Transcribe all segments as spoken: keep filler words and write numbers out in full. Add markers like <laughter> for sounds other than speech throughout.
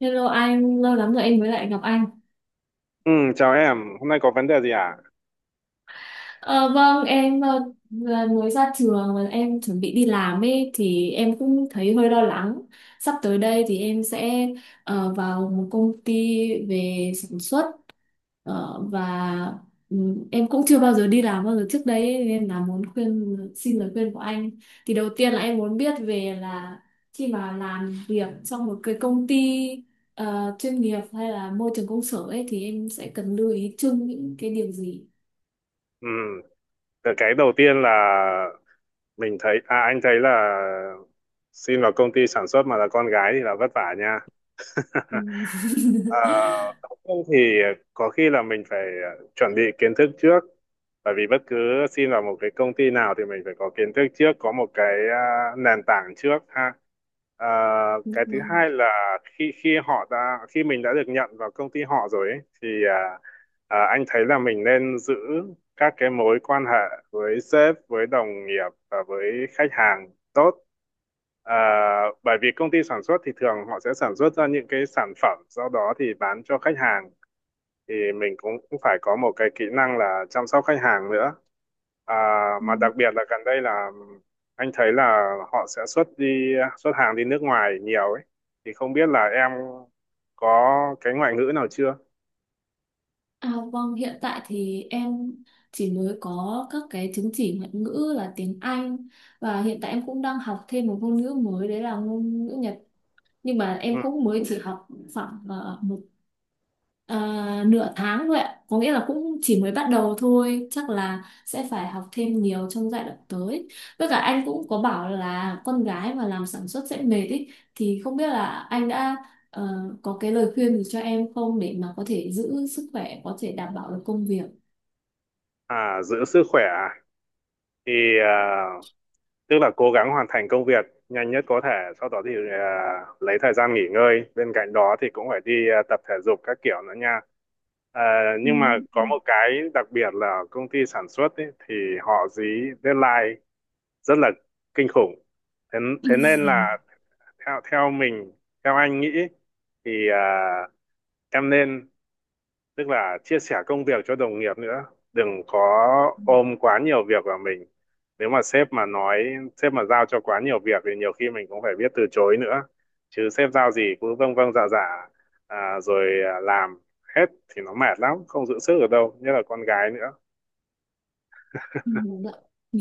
Hello anh, lâu lắm rồi em mới lại gặp anh. Ừ, chào em, hôm nay có vấn đề gì à? Ờ, vâng, em ờ, vừa mới ra trường và em chuẩn bị đi làm ấy thì em cũng thấy hơi lo lắng. Sắp tới đây thì em sẽ ờ, vào một công ty về sản xuất. Ờ, và ừm, Em cũng chưa bao giờ đi làm bao giờ trước đấy ấy, nên là muốn khuyên xin lời khuyên của anh thì đầu tiên là em muốn biết về là khi mà làm việc trong một cái công ty ờ, chuyên nghiệp hay là môi trường công sở ấy thì em sẽ cần lưu ý chung những cái điều gì? Ừ, cái cái đầu tiên là mình thấy, à anh thấy là xin vào công ty sản xuất mà là con gái thì là vất vả nha. Ừm. <laughs> À, <laughs> Không thì có khi là mình phải chuẩn bị kiến thức trước, bởi vì bất cứ xin vào một cái công ty nào thì mình phải có kiến thức trước, có một cái à, nền tảng trước ha. À, cái thứ Vâng. hai là khi khi họ đã khi mình đã được nhận vào công ty họ rồi ấy, thì à, À, anh thấy là mình nên giữ các cái mối quan hệ với sếp, với đồng nghiệp và với khách hàng tốt. À, Bởi vì công ty sản xuất thì thường họ sẽ sản xuất ra những cái sản phẩm, sau đó thì bán cho khách hàng. Thì mình cũng cũng phải có một cái kỹ năng là chăm sóc khách hàng nữa. À, mà Ừm. đặc biệt là gần đây là anh thấy là họ sẽ xuất đi xuất hàng đi nước ngoài nhiều ấy. Thì không biết là em có cái ngoại ngữ nào chưa? À, vâng, hiện tại thì em chỉ mới có các cái chứng chỉ ngoại ngữ là tiếng Anh, và hiện tại em cũng đang học thêm một ngôn ngữ mới đấy là ngôn ngữ Nhật, nhưng mà Ừ. em cũng mới chỉ học khoảng ờ, một ờ, nửa tháng thôi ạ, có nghĩa là cũng chỉ mới bắt đầu thôi, chắc là sẽ phải học thêm nhiều trong giai đoạn tới. Với cả anh cũng có bảo là con gái mà làm sản xuất sẽ mệt ý, thì không biết là anh đã ờ, có cái lời khuyên gì cho em không để mà có thể giữ sức khỏe, có thể đảm bảo được công việc? À, giữ sức khỏe à? thì à, Tức là cố gắng hoàn thành công việc nhanh nhất có thể, sau đó thì à, lấy thời gian nghỉ ngơi, bên cạnh đó thì cũng phải đi à, tập thể dục các kiểu nữa nha. À, Ừ. nhưng mà có Ừ. một cái đặc biệt là công ty sản xuất ấy, thì họ dí deadline rất là kinh khủng. Thế, thế nên <laughs> là theo theo mình theo anh nghĩ thì à, em nên, tức là chia sẻ công việc cho đồng nghiệp nữa, đừng có ôm quá nhiều việc vào mình. Nếu mà sếp mà nói, sếp mà giao cho quá nhiều việc thì nhiều khi mình cũng phải biết từ chối nữa, chứ sếp giao gì cứ vâng vâng dạ dạ à, rồi à, làm hết thì nó mệt lắm, không giữ sức ở đâu, nhất là con gái nữa. Ừ. Dạ.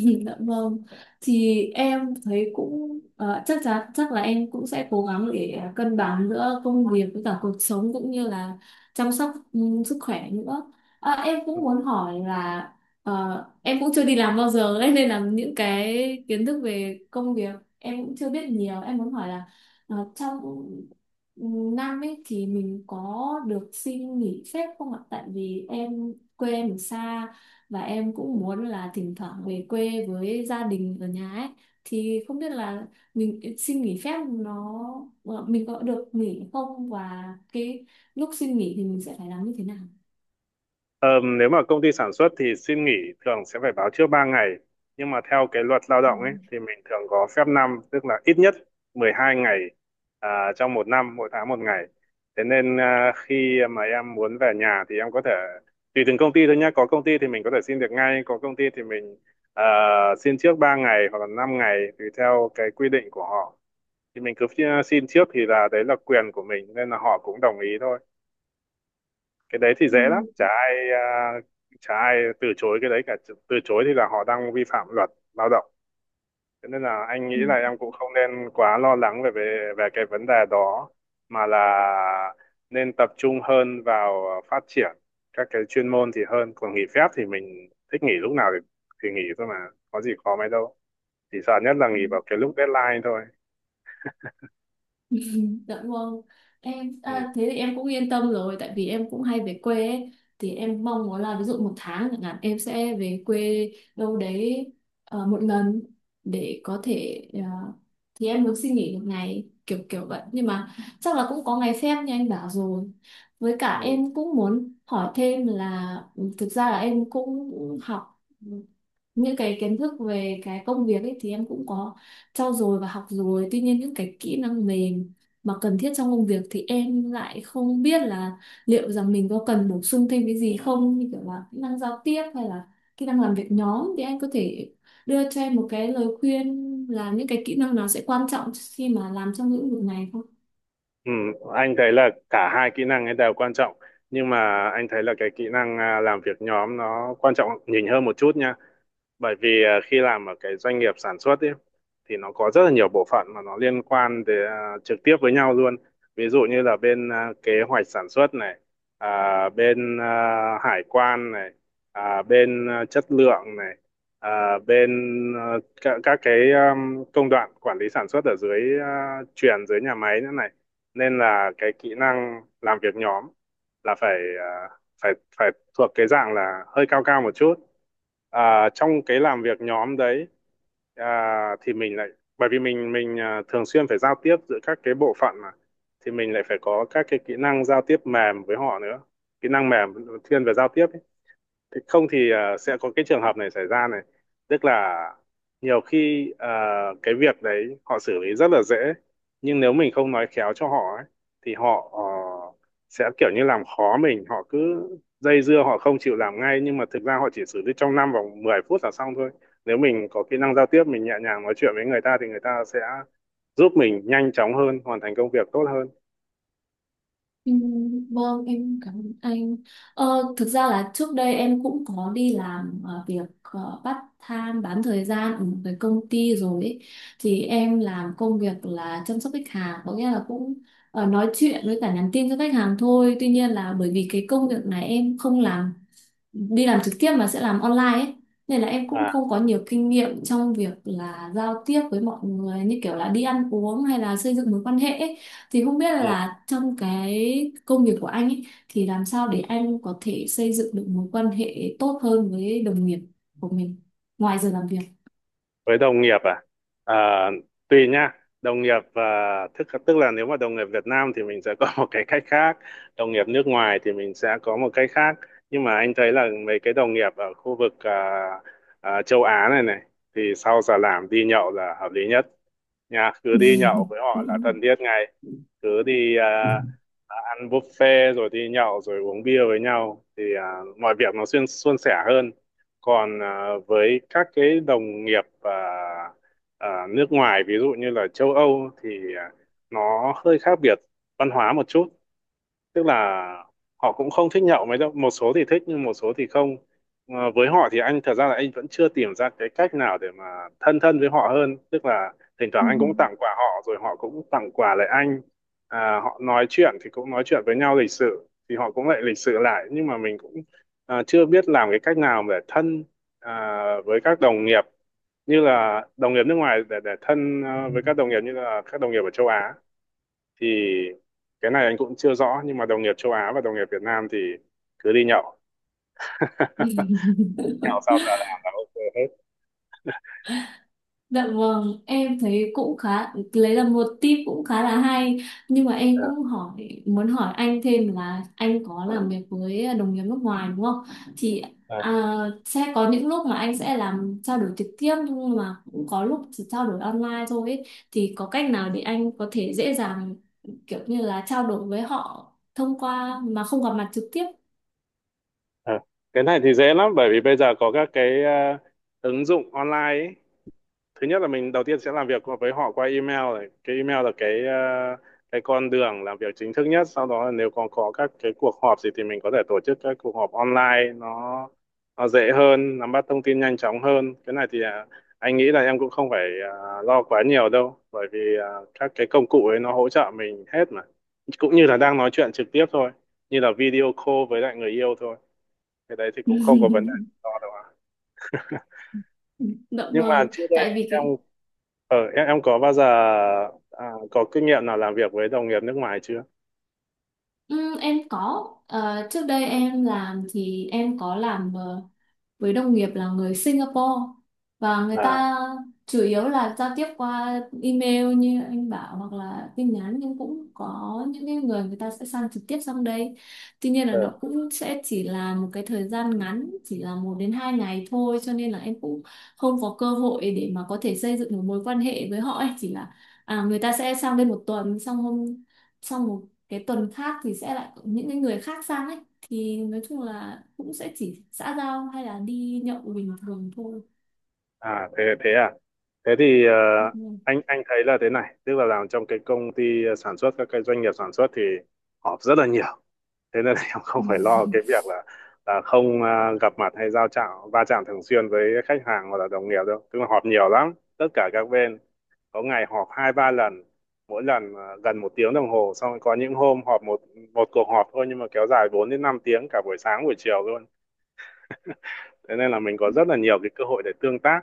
<laughs> Dạ vâng, thì em thấy cũng ờ, chắc chắn chắc là em cũng sẽ cố gắng để cân bằng giữa công việc với cả cuộc sống, cũng như là chăm sóc ừ, sức khỏe nữa. À, em cũng muốn hỏi là, ờ, em cũng chưa đi làm bao giờ ấy, nên là những cái kiến thức về công việc em cũng chưa biết nhiều. Em muốn hỏi là ờ, trong ừ, năm ấy thì mình có được xin nghỉ phép không ạ? Tại vì em quê em ở xa và em cũng muốn là thỉnh thoảng về quê với gia đình ở nhà ấy, thì không biết là mình xin nghỉ phép nó ờ, mình có được nghỉ không, và cái lúc xin nghỉ thì mình sẽ phải làm như thế nào? Ờ, Nếu mà công ty sản xuất thì xin nghỉ thường sẽ phải báo trước ba ngày. Nhưng mà theo cái luật lao Ừ. động ấy thì mình thường có phép năm, tức là ít nhất mười hai ngày à, trong một năm, mỗi tháng một ngày. Thế nên à, khi mà em muốn về nhà thì em có thể, tùy từng công ty thôi nhé. Có công ty thì mình có thể xin được ngay, có công ty thì mình à, xin trước ba ngày hoặc là năm ngày tùy theo cái quy định của họ. Thì mình cứ xin trước thì là đấy là quyền của mình nên là họ cũng đồng ý thôi, cái đấy thì Ừ. dễ lắm. Chả ai à, chả ai từ chối cái đấy cả, từ chối thì là họ đang vi phạm luật lao động. Thế nên là anh nghĩ Ừ. là em cũng không nên quá lo lắng về về về cái vấn đề đó, mà là nên tập trung hơn vào phát triển các cái chuyên môn thì hơn. Còn nghỉ phép thì mình thích nghỉ lúc nào thì, thì nghỉ thôi mà, có gì khó mấy đâu, chỉ sợ nhất là Ừ. nghỉ vào cái lúc deadline thôi. <laughs> Dạ vâng, em Ừ. à, thế thì em cũng yên tâm rồi tại vì em cũng hay về quê ấy. Thì em mong muốn là ví dụ một tháng chẳng hạn em sẽ về quê đâu đấy ờ, một lần để có thể ờ, thì em muốn xin nghỉ một ngày kiểu kiểu vậy, nhưng mà chắc là cũng có ngày phép như anh bảo rồi. Với cả Ừ. em cũng muốn hỏi thêm là, ừ, thực ra là em cũng học những cái kiến thức về cái công việc ấy thì em cũng có trau dồi và học rồi, tuy nhiên những cái kỹ năng mềm mà cần thiết trong công việc thì em lại không biết là liệu rằng mình có cần bổ sung thêm cái gì không, như kiểu là kỹ năng giao tiếp hay là kỹ năng làm việc nhóm. Thì anh có thể đưa cho em một cái lời khuyên là những cái kỹ năng nào sẽ quan trọng khi mà làm trong lĩnh vực này không? Ừ, anh thấy là cả hai kỹ năng ấy đều quan trọng, nhưng mà anh thấy là cái kỹ năng à, làm việc nhóm nó quan trọng nhìn hơn một chút nha. Bởi vì à, khi làm ở cái doanh nghiệp sản xuất ấy, thì nó có rất là nhiều bộ phận mà nó liên quan để, à, trực tiếp với nhau luôn. Ví dụ như là bên à, kế hoạch sản xuất này, à, bên à, hải quan này, à, bên à, chất lượng này, à, bên à, các, các cái um, công đoạn quản lý sản xuất ở dưới à, chuyền dưới nhà máy nữa này, nên là cái kỹ năng làm việc nhóm là phải à, phải phải thuộc cái dạng là hơi cao cao một chút à, trong cái làm việc nhóm đấy, à, thì mình lại, bởi vì mình mình à, thường xuyên phải giao tiếp giữa các cái bộ phận mà, thì mình lại phải có các cái kỹ năng giao tiếp mềm với họ nữa, kỹ năng mềm thiên về giao tiếp ấy. Thế không thì ờ, sẽ có cái trường hợp này xảy ra này, tức là nhiều khi ờ, cái việc đấy họ xử lý rất là dễ, nhưng nếu mình không nói khéo cho họ ấy, thì họ ờ, sẽ kiểu như làm khó mình, họ cứ dây dưa họ không chịu làm ngay, nhưng mà thực ra họ chỉ xử lý trong năm vòng mười phút là xong thôi. Nếu mình có kỹ năng giao tiếp, mình nhẹ nhàng nói chuyện với người ta thì người ta sẽ giúp mình nhanh chóng hơn, hoàn thành công việc tốt hơn. Ừm, Vâng, em cảm ơn anh. Ờ, thực ra là trước đây em cũng có đi làm ờ, việc ờ, part time, bán thời gian ở một cái công ty rồi ấy. Thì em làm công việc là chăm sóc khách hàng, có nghĩa là cũng ờ, nói chuyện với cả nhắn tin cho khách hàng thôi. Tuy nhiên là bởi vì cái công việc này em không làm đi làm trực tiếp mà sẽ làm online ấy, nên là em cũng À. không có nhiều kinh nghiệm trong việc là giao tiếp với mọi người như kiểu là đi ăn uống hay là xây dựng mối quan hệ ấy. Thì không biết Ừ. là trong cái công việc của anh ấy thì làm sao để anh có thể xây dựng được mối quan hệ tốt hơn với đồng nghiệp của mình ngoài giờ làm Với đồng nghiệp à, à tùy nha, đồng nghiệp à, thức tức là nếu mà đồng nghiệp Việt Nam thì mình sẽ có một cái cách khác, đồng nghiệp nước ngoài thì mình sẽ có một cách khác. Nhưng mà anh thấy là mấy cái đồng nghiệp ở khu vực à, à, châu Á này này, thì sau giờ làm đi nhậu là hợp lý nhất nha, cứ đi nhậu với họ là thân thiết ngay. Cứ đi à, ăn buffet rồi đi nhậu rồi uống bia với nhau thì à, mọi việc nó xuyên suôn sẻ hơn. Còn à, với các cái đồng nghiệp à, à, nước ngoài ví dụ như là châu Âu thì à, nó hơi khác biệt văn hóa một chút, tức là họ cũng không thích nhậu mấy đâu, một số thì thích nhưng một số thì không. Ờ, với họ thì anh thật ra là anh vẫn chưa tìm ra cái cách nào để mà thân thân với họ hơn, tức là thỉnh thoảng việc? anh cũng <laughs> tặng quà họ rồi họ cũng tặng quà lại anh à, họ nói chuyện thì cũng nói chuyện với nhau lịch sự, thì họ cũng lại lịch sự lại, nhưng mà mình cũng à, chưa biết làm cái cách nào để thân à, với các đồng nghiệp như là đồng nghiệp nước ngoài, để để thân à, với các đồng nghiệp như là các đồng nghiệp ở châu Á thì cái này anh cũng chưa rõ. Nhưng mà đồng nghiệp châu Á và đồng nghiệp Việt Nam thì cứ đi nhậu <laughs> nhậu sao giờ làm là ok hết. Dạ vâng, em thấy cũng khá lấy là một tip cũng khá là hay, nhưng mà em à, cũng hỏi muốn hỏi anh thêm là anh có làm việc với đồng nghiệp nước ngoài đúng không? Thì à, à, sẽ có những lúc mà anh sẽ làm trao đổi trực tiếp nhưng mà cũng có lúc chỉ trao đổi online thôi ấy. Thì có cách nào để anh có thể dễ dàng kiểu như là trao đổi với họ thông qua mà không gặp mặt trực tiếp? à. Cái này thì dễ lắm, bởi vì bây giờ có các cái ờ, ứng dụng online ấy. Thứ nhất là mình đầu tiên sẽ làm việc với họ qua email này, cái email là cái ờ, cái con đường làm việc chính thức nhất. Sau đó là nếu còn có các cái cuộc họp gì thì mình có thể tổ chức các cuộc họp online, nó nó dễ hơn, nắm bắt thông tin nhanh chóng hơn. Cái này thì à, anh nghĩ là em cũng không phải à, lo quá nhiều đâu, bởi vì à, các cái công cụ ấy nó hỗ trợ mình hết mà, cũng như là đang nói chuyện trực tiếp thôi, như là video call với lại người yêu thôi, cái đấy thì cũng không có vấn đề gì <laughs> to đâu ạ. Dạ Nhưng mà vâng, trước đây tại vì em cái Ờ, em em có bao giờ à, có kinh nghiệm nào làm việc với đồng nghiệp nước ngoài chưa? Ừ, em có. Ờ, trước đây em làm thì em có làm ờ, với đồng nghiệp là người Singapore, và người À, ta chủ yếu là giao tiếp qua email như anh bảo hoặc là tin nhắn, nhưng cũng có những cái người người ta sẽ sang trực tiếp sang đây, tuy nhiên là ờ, nó cũng sẽ chỉ là một cái thời gian ngắn, chỉ là một đến hai ngày thôi, cho nên là em cũng không có cơ hội để mà có thể xây dựng một mối quan hệ với họ ấy. Chỉ là à, người ta sẽ sang đây một tuần, xong hôm xong một cái tuần khác thì sẽ lại có những cái người khác sang ấy, thì nói chung là cũng sẽ chỉ xã giao hay là đi nhậu bình thường thôi. à thế thế à? Thế thì ờ, Nhậu. anh anh thấy là thế này, tức là làm trong cái công ty sản xuất, các cái doanh nghiệp sản xuất thì họp rất là nhiều. Thế nên là <laughs> em không phải lo cái việc là là không à, gặp mặt hay giao chạm va chạm thường xuyên với khách hàng hoặc là đồng nghiệp đâu, tức là họp nhiều lắm, tất cả các bên có ngày họp hai ba lần, mỗi lần à, gần một tiếng đồng hồ. Xong có những hôm họp một một cuộc họp thôi nhưng mà kéo dài bốn đến năm tiếng, cả buổi sáng buổi chiều luôn. Thế nên là mình có rất là nhiều cái cơ hội để tương tác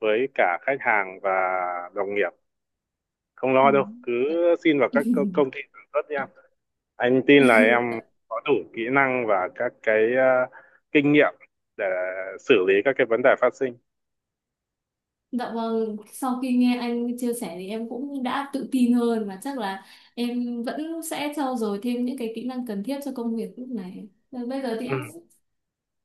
với cả khách hàng và đồng nghiệp, không Ừ. lo đâu. Cứ Dạ. xin vào các co- công ty sản xuất đi em, anh tin là em <laughs> có đủ kỹ năng và các cái ờ, kinh nghiệm để xử lý các cái vấn đề phát sinh. Dạ vâng, sau khi nghe anh chia sẻ thì em cũng đã tự tin hơn, và chắc là em vẫn sẽ trau dồi thêm những cái kỹ năng cần thiết cho công việc lúc này. Và bây giờ thì Ừ. em cũng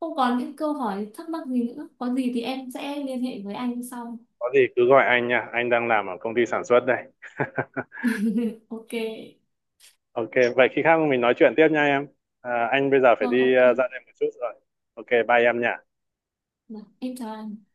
không còn những câu hỏi thắc mắc gì nữa. Có gì thì em sẽ liên hệ với anh sau. Có gì cứ gọi anh nha, anh đang làm ở công ty sản xuất đây. <laughs> <laughs> Ok. Ok, vậy khi khác mình nói chuyện tiếp nha em. À, anh bây giờ phải Vâng, đi ok. ờ, ra đây một chút rồi. Ok, bye em nha. Vâng, em chào anh.